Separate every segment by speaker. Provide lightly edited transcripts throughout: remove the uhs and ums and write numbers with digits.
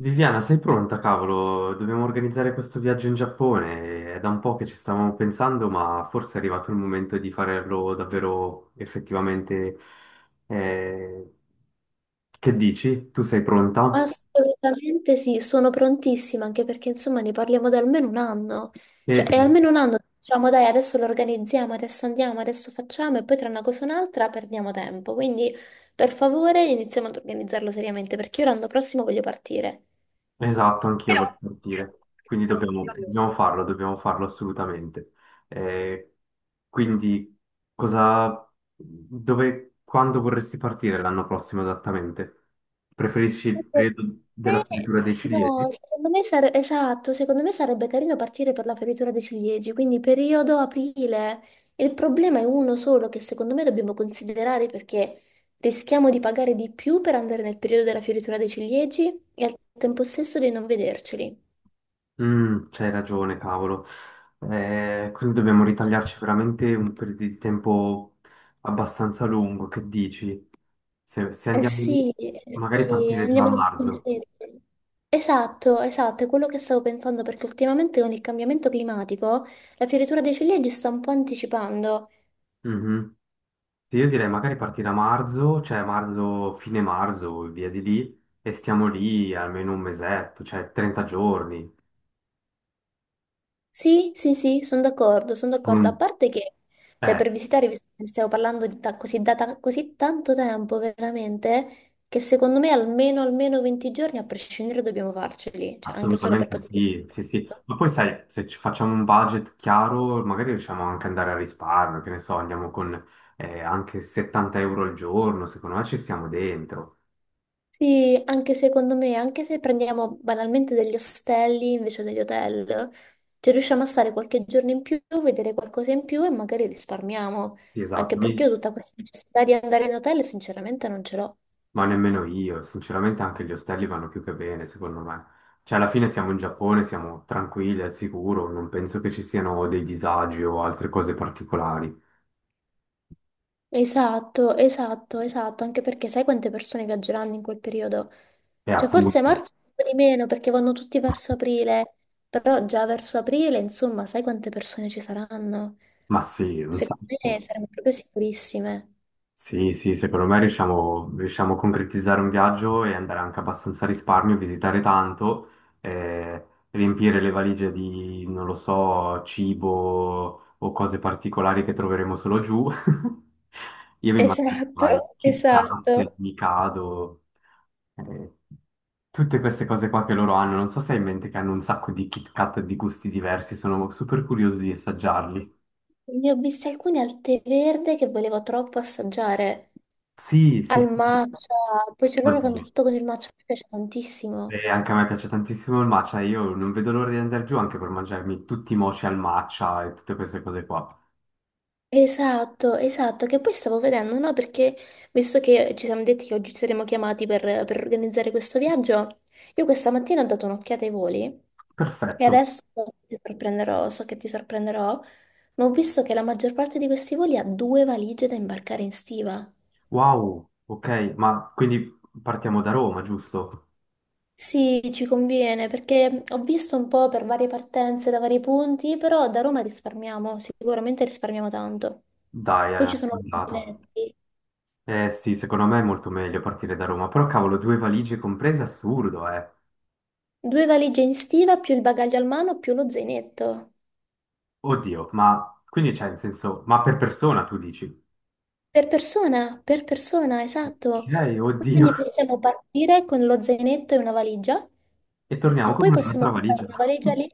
Speaker 1: Viviana, sei pronta, cavolo? Dobbiamo organizzare questo viaggio in Giappone. È da un po' che ci stavamo pensando, ma forse è arrivato il momento di farlo davvero effettivamente. eh, Che dici? Tu sei pronta?
Speaker 2: Assolutamente sì, sono prontissima anche perché insomma ne parliamo da almeno un anno,
Speaker 1: E
Speaker 2: cioè è
Speaker 1: sì.
Speaker 2: almeno un anno che diciamo dai adesso lo organizziamo, adesso andiamo, adesso facciamo e poi tra una cosa e un'altra perdiamo tempo, quindi per favore iniziamo ad organizzarlo seriamente perché io l'anno prossimo voglio partire.
Speaker 1: Esatto, anch'io
Speaker 2: Però,
Speaker 1: voglio
Speaker 2: però,
Speaker 1: partire, quindi dobbiamo farlo, dobbiamo farlo assolutamente. Eh, quindi, cosa, Dove, quando vorresti partire l'anno prossimo esattamente? Preferisci il periodo
Speaker 2: me-
Speaker 1: della fioritura dei
Speaker 2: no,
Speaker 1: ciliegi?
Speaker 2: secondo me esatto, secondo me sarebbe carino partire per la fioritura dei ciliegi, quindi periodo aprile. Il problema è uno solo che secondo me dobbiamo considerare, perché rischiamo di pagare di più per andare nel periodo della fioritura dei ciliegi e al tempo stesso di non vederceli.
Speaker 1: Mm, c'hai ragione, cavolo. Quindi dobbiamo ritagliarci veramente un periodo di tempo abbastanza lungo, che dici? Se andiamo lì,
Speaker 2: Sì, eh
Speaker 1: magari
Speaker 2: sì,
Speaker 1: partire già a
Speaker 2: andiamo al
Speaker 1: marzo.
Speaker 2: museo. Esatto, esatto, è quello che stavo pensando, perché ultimamente con il cambiamento climatico la fioritura dei ciliegi sta un po' anticipando.
Speaker 1: Mhm. Sì, io direi magari partire a marzo, cioè marzo, fine marzo, e via di lì, e stiamo lì almeno un mesetto, cioè 30 giorni.
Speaker 2: Sì, sì, sì, sono d'accordo, sono
Speaker 1: Con
Speaker 2: d'accordo. A
Speaker 1: un-
Speaker 2: parte che, cioè,
Speaker 1: Eh,
Speaker 2: per visitare, visto che stiamo parlando di così, da così tanto tempo, veramente, che secondo me almeno, almeno 20 giorni, a prescindere, dobbiamo farceli, cioè, anche solo per
Speaker 1: Assolutamente
Speaker 2: poter
Speaker 1: sì,
Speaker 2: visitare
Speaker 1: sì, sì.
Speaker 2: tutto.
Speaker 1: Ma poi sai, se ci facciamo un budget chiaro, magari riusciamo anche ad andare a risparmio, che ne so, andiamo con anche 70 euro al giorno, secondo me ci stiamo dentro.
Speaker 2: Sì, anche secondo me, anche se prendiamo banalmente degli ostelli invece degli hotel, cioè riusciamo a stare qualche giorno in più, vedere qualcosa in più e magari risparmiamo,
Speaker 1: Sì, esatto.
Speaker 2: anche perché io tutta questa necessità di andare in hotel sinceramente non ce l'ho.
Speaker 1: Ma nemmeno io, sinceramente anche gli ostelli vanno più che bene, secondo me. Cioè, alla fine siamo in Giappone, siamo tranquilli, al sicuro, non penso che ci siano dei disagi o altre cose particolari.
Speaker 2: Esatto, esatto, esatto, anche perché sai quante persone viaggeranno in quel periodo?
Speaker 1: E
Speaker 2: Cioè forse
Speaker 1: appunto,
Speaker 2: marzo un po' di meno perché vanno tutti verso aprile, però già verso aprile, insomma, sai quante persone ci saranno?
Speaker 1: ma sì, un
Speaker 2: Secondo
Speaker 1: sacco.
Speaker 2: me saremo proprio sicurissime.
Speaker 1: Sì, sì, secondo me riusciamo a concretizzare un viaggio e andare anche abbastanza a risparmio, visitare tanto, eh, riempire le valigie di, non lo so, cibo o cose particolari che troveremo solo giù. Io mi immagino, vai,
Speaker 2: Esatto,
Speaker 1: Kit Kat, il
Speaker 2: esatto.
Speaker 1: Mikado, eh, tutte queste cose qua che loro hanno. Non so se hai in mente che hanno un sacco di Kit Kat di gusti diversi, sono super curioso di assaggiarli.
Speaker 2: Ne ho viste alcune al tè verde che volevo troppo assaggiare,
Speaker 1: Sì, sì,
Speaker 2: al
Speaker 1: sì.
Speaker 2: matcha, poi cioè loro fanno
Speaker 1: Oddio.
Speaker 2: tutto con il matcha, mi piace tantissimo.
Speaker 1: E anche a me piace tantissimo il matcha, io non vedo l'ora di andare giù anche per mangiarmi tutti i mochi al matcha e tutte queste cose qua.
Speaker 2: Esatto, esatto, che poi stavo vedendo, no? Perché visto che ci siamo detti che oggi saremo chiamati per organizzare questo viaggio, io questa mattina ho dato un'occhiata ai voli e
Speaker 1: Perfetto.
Speaker 2: adesso ti sorprenderò, so che ti sorprenderò, ma ho visto che la maggior parte di questi voli ha due valigie da imbarcare in stiva.
Speaker 1: Wow, ok, ma quindi partiamo da Roma, giusto?
Speaker 2: Sì, ci conviene, perché ho visto un po' per varie partenze da vari punti, però da Roma risparmiamo, sicuramente risparmiamo tanto.
Speaker 1: Dai,
Speaker 2: Poi ci
Speaker 1: è
Speaker 2: sono i
Speaker 1: andata.
Speaker 2: biglietti.
Speaker 1: Eh sì, secondo me è molto meglio partire da Roma, però cavolo, due valigie comprese, assurdo, eh.
Speaker 2: Due valigie in stiva più il bagaglio al mano più lo zainetto.
Speaker 1: Oddio, ma quindi c'è in senso, ma per persona tu dici?
Speaker 2: Per persona, esatto.
Speaker 1: Ok, oddio.
Speaker 2: Quindi possiamo partire con lo zainetto e una valigia
Speaker 1: E
Speaker 2: e
Speaker 1: torniamo con
Speaker 2: poi possiamo
Speaker 1: un'altra
Speaker 2: comprare
Speaker 1: valigia.
Speaker 2: una valigia lì.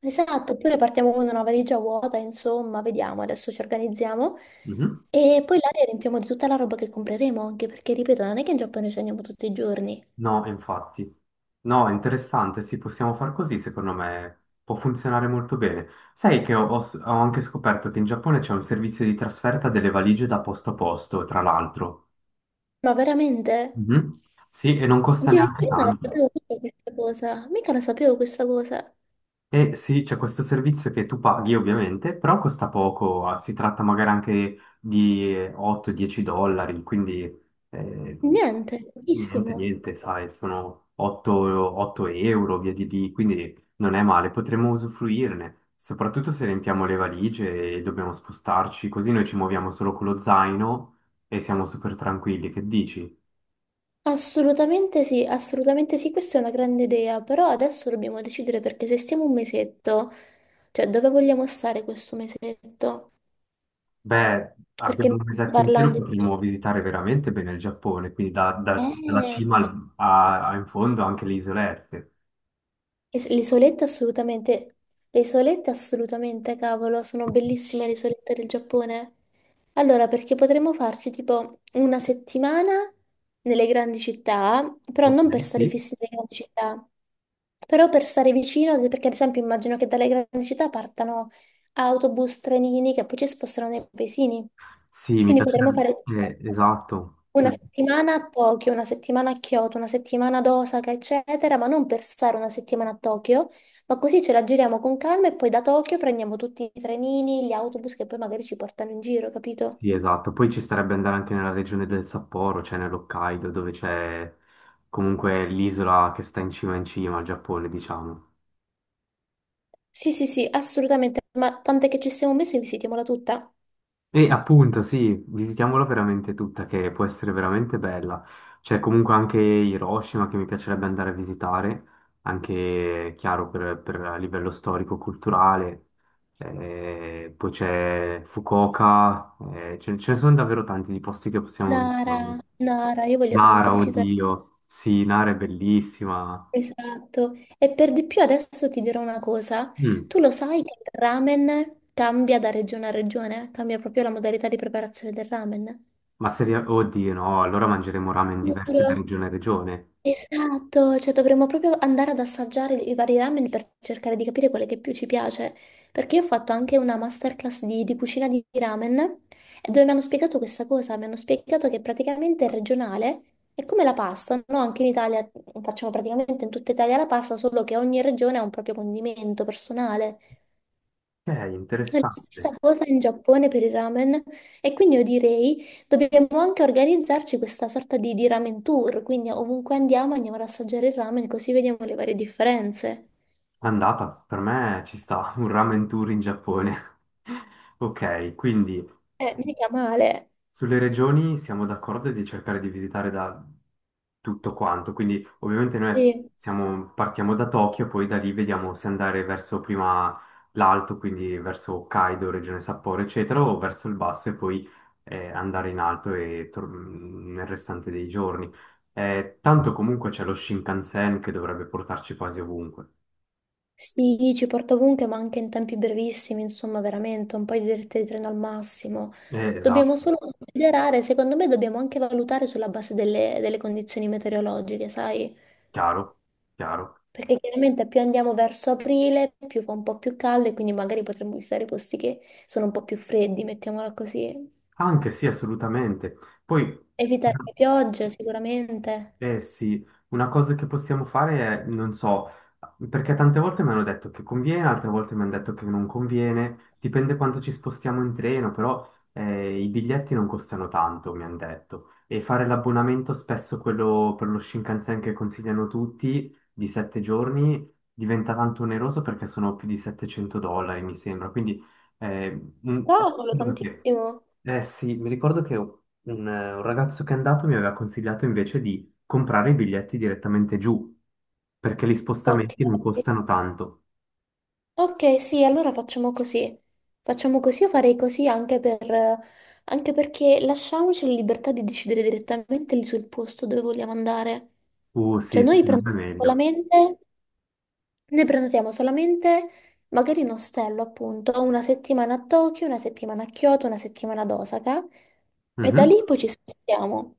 Speaker 2: Esatto, oppure partiamo con una valigia vuota, insomma, vediamo, adesso ci organizziamo.
Speaker 1: Mhm.
Speaker 2: E poi l'aria riempiamo di tutta la roba che compreremo, anche perché, ripeto, non è che in Giappone ci andiamo tutti i giorni.
Speaker 1: No, infatti. No, è interessante, sì, possiamo far così, secondo me può funzionare molto bene. Sai che ho anche scoperto che in Giappone c'è un servizio di trasferta delle valigie da posto a posto, tra l'altro.
Speaker 2: Ma veramente?
Speaker 1: Mhm. Sì, e non costa
Speaker 2: Oddio,
Speaker 1: neanche
Speaker 2: io non la
Speaker 1: tanto.
Speaker 2: sapevo mica questa cosa, mica la sapevo questa cosa.
Speaker 1: E sì, c'è questo servizio che tu paghi ovviamente, però costa poco, ah, si tratta magari anche di 8-10 dollari, quindi eh,
Speaker 2: Niente,
Speaker 1: niente,
Speaker 2: pochissimo.
Speaker 1: niente, sai, sono 8, 8 euro, via di lì, quindi non è male, potremmo usufruirne, soprattutto se riempiamo le valigie e dobbiamo spostarci, così noi ci muoviamo solo con lo zaino e siamo super tranquilli, che dici?
Speaker 2: Assolutamente sì, questa è una grande idea, però adesso dobbiamo decidere, perché se stiamo un mesetto, cioè dove vogliamo stare questo mesetto?
Speaker 1: Beh,
Speaker 2: Perché
Speaker 1: abbiamo
Speaker 2: non
Speaker 1: un
Speaker 2: stiamo
Speaker 1: mesetto intero,
Speaker 2: parlando di...
Speaker 1: potremmo visitare veramente bene il Giappone, quindi dalla
Speaker 2: Eh,
Speaker 1: a, a in fondo anche le isolette.
Speaker 2: Le isolette assolutamente, le isolette assolutamente, cavolo, sono bellissime le isolette del Giappone. Allora, perché potremmo farci tipo una settimana nelle grandi città, però
Speaker 1: Ok,
Speaker 2: non per stare
Speaker 1: sì.
Speaker 2: fissi nelle grandi città, però per stare vicino, perché ad esempio immagino che dalle grandi città partano autobus, trenini che poi ci spostano nei paesini.
Speaker 1: Sì, mi
Speaker 2: Quindi potremmo fare
Speaker 1: piacerebbe. Esatto.
Speaker 2: una
Speaker 1: Mm,
Speaker 2: settimana a Tokyo, una settimana a Kyoto, una settimana ad Osaka, eccetera, ma non per stare una settimana a Tokyo, ma così ce la giriamo con calma e poi da Tokyo prendiamo tutti i trenini, gli autobus che poi magari ci portano in giro, capito?
Speaker 1: sì, esatto. Poi ci starebbe andare anche nella regione del Sapporo, cioè nell'Hokkaido, dove c'è comunque l'isola che sta in cima al Giappone, diciamo.
Speaker 2: Sì, sì, sì, assolutamente, ma tant'è che ci siamo messi e visitiamola tutta.
Speaker 1: E appunto, sì, visitiamola veramente tutta, che può essere veramente bella. C'è comunque anche Hiroshima che mi piacerebbe andare a visitare, anche chiaro per a livello storico-culturale. Poi c'è Fukuoka, ce ne sono davvero tanti di posti che possiamo visitare.
Speaker 2: Nara, Nara, io voglio tanto
Speaker 1: Nara,
Speaker 2: visitare.
Speaker 1: oddio, sì, Nara è bellissima.
Speaker 2: Esatto, e per di più adesso ti dirò una cosa,
Speaker 1: Mm,
Speaker 2: tu lo sai che il ramen cambia da regione a regione, cambia proprio la modalità di preparazione del ramen?
Speaker 1: ma se, ri- oddio, no, allora mangeremo ramen diversi da
Speaker 2: Giuro.
Speaker 1: regione a regione.
Speaker 2: Esatto, cioè dovremmo proprio andare ad assaggiare i vari ramen per cercare di capire quale che più ci piace, perché io ho fatto anche una masterclass di cucina di ramen e dove mi hanno spiegato questa cosa, mi hanno spiegato che praticamente è regionale, è come la pasta, no? Anche in Italia facciamo praticamente in tutta Italia la pasta, solo che ogni regione ha un proprio condimento personale, è la stessa
Speaker 1: Interessante.
Speaker 2: cosa in Giappone per i ramen, e quindi io direi dobbiamo anche organizzarci questa sorta di ramen tour, quindi ovunque andiamo andiamo ad assaggiare il ramen così vediamo le varie differenze.
Speaker 1: Andata, per me ci sta, un ramen tour in Giappone. Ok, quindi su-
Speaker 2: Mica male.
Speaker 1: sulle regioni siamo d'accordo di cercare di visitare da tutto quanto, quindi ovviamente noi
Speaker 2: Sì,
Speaker 1: partiamo da Tokyo, poi da lì vediamo se andare verso prima l'alto, quindi verso Hokkaido, regione Sapporo, eccetera, o verso il basso e poi andare in alto e nel restante dei giorni. Tanto comunque c'è lo Shinkansen che dovrebbe portarci quasi ovunque.
Speaker 2: sì, ci porto ovunque ma anche in tempi brevissimi, insomma veramente un paio di dirette di treno al massimo. Dobbiamo
Speaker 1: Esatto.
Speaker 2: solo considerare, secondo me dobbiamo anche valutare sulla base delle condizioni meteorologiche, sai?
Speaker 1: Chiaro, chiaro.
Speaker 2: Perché chiaramente più andiamo verso aprile, più fa un po' più caldo e quindi magari potremmo visitare posti che sono un po' più freddi, mettiamola così.
Speaker 1: Anche sì, assolutamente. Poi,
Speaker 2: Evitare le piogge sicuramente.
Speaker 1: eh sì, una cosa che possiamo fare è, non so, perché tante volte mi hanno detto che conviene, altre volte mi hanno detto che non conviene, dipende quanto ci spostiamo in treno, però i biglietti non costano tanto, mi hanno detto. E fare l'abbonamento, spesso quello per lo Shinkansen che consigliano tutti, di sette giorni, diventa tanto oneroso perché sono più di 700 dollari, mi sembra. Eh, un-
Speaker 2: Cavolo, tantissimo.
Speaker 1: Eh sì, mi ricordo che un ragazzo che è andato mi aveva consigliato invece di comprare i biglietti direttamente giù, perché gli
Speaker 2: Ok.
Speaker 1: spostamenti non costano tanto.
Speaker 2: Ok, sì, allora facciamo così. Facciamo così, io farei così anche per, anche perché lasciamoci la libertà di decidere direttamente lì sul posto dove vogliamo andare.
Speaker 1: Sì,
Speaker 2: Cioè noi
Speaker 1: secondo me è
Speaker 2: prendiamo con la
Speaker 1: meglio.
Speaker 2: mente. Noi prenotiamo solamente magari un ostello, appunto, una settimana a Tokyo, una settimana a Kyoto, una settimana ad Osaka e da
Speaker 1: Mhm.
Speaker 2: lì poi ci spostiamo.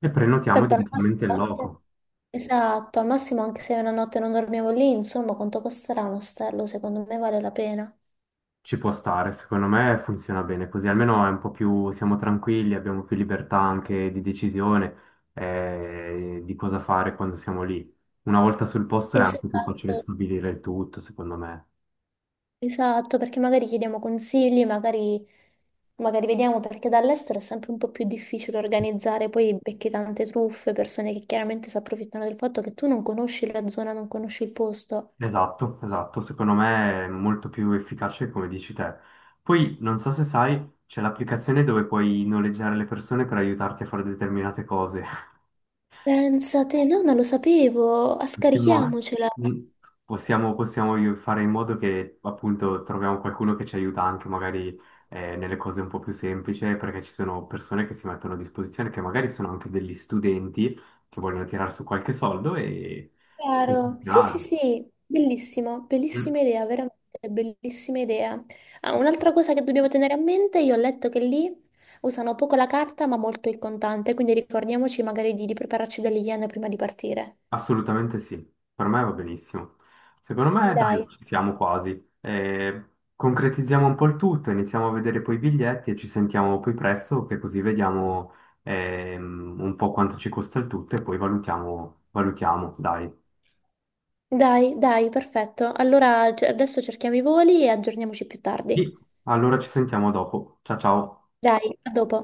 Speaker 1: E prenotiamo
Speaker 2: Tanto al
Speaker 1: direttamente il
Speaker 2: massimo,
Speaker 1: loco.
Speaker 2: esatto, al massimo anche se una notte non dormiamo lì, insomma, quanto costerà un ostello? Secondo me vale la pena.
Speaker 1: Ci può stare, secondo me funziona bene così, almeno è un po' più, siamo tranquilli, abbiamo più libertà anche di decisione di cosa fare quando siamo lì. Una volta sul posto è anche più facile
Speaker 2: Esatto,
Speaker 1: stabilire il tutto, secondo me.
Speaker 2: esatto, perché magari chiediamo consigli, magari, magari vediamo, perché dall'estero è sempre un po' più difficile organizzare, poi becchi tante truffe, persone che chiaramente si approfittano del fatto che tu non conosci la zona, non conosci il posto.
Speaker 1: Esatto, esatto, secondo me è molto più efficace come dici te. Poi, non so se sai, c'è l'applicazione dove puoi noleggiare le persone per aiutarti a fare determinate cose.
Speaker 2: Pensate, no, non lo sapevo, ah,
Speaker 1: Possiamo,
Speaker 2: scarichiamocela.
Speaker 1: mm, fare in modo che appunto troviamo qualcuno che ci aiuta anche magari nelle cose un po' più semplici, perché ci sono persone che si mettono a disposizione, che magari sono anche degli studenti che vogliono tirare su qualche soldo e
Speaker 2: Chiaro. Sì, sì,
Speaker 1: funzionare.
Speaker 2: sì, bellissimo,
Speaker 1: Mm.
Speaker 2: bellissima idea, veramente bellissima idea. Ah, un'altra cosa che dobbiamo tenere a mente, io ho letto che lì usano poco la carta ma molto il contante, quindi ricordiamoci magari di prepararci delle yen prima di partire.
Speaker 1: Assolutamente sì, per me va benissimo. Secondo me, dai,
Speaker 2: Dai.
Speaker 1: ci siamo quasi. Concretizziamo un po' il tutto, iniziamo a vedere poi i biglietti e ci sentiamo poi presto, che così vediamo un po' quanto ci costa il tutto e poi valutiamo, valutiamo, dai.
Speaker 2: Dai, dai, perfetto. Allora adesso cerchiamo i voli e aggiorniamoci più
Speaker 1: Sì,
Speaker 2: tardi.
Speaker 1: allora ci sentiamo dopo. Ciao ciao.
Speaker 2: Dai, a dopo.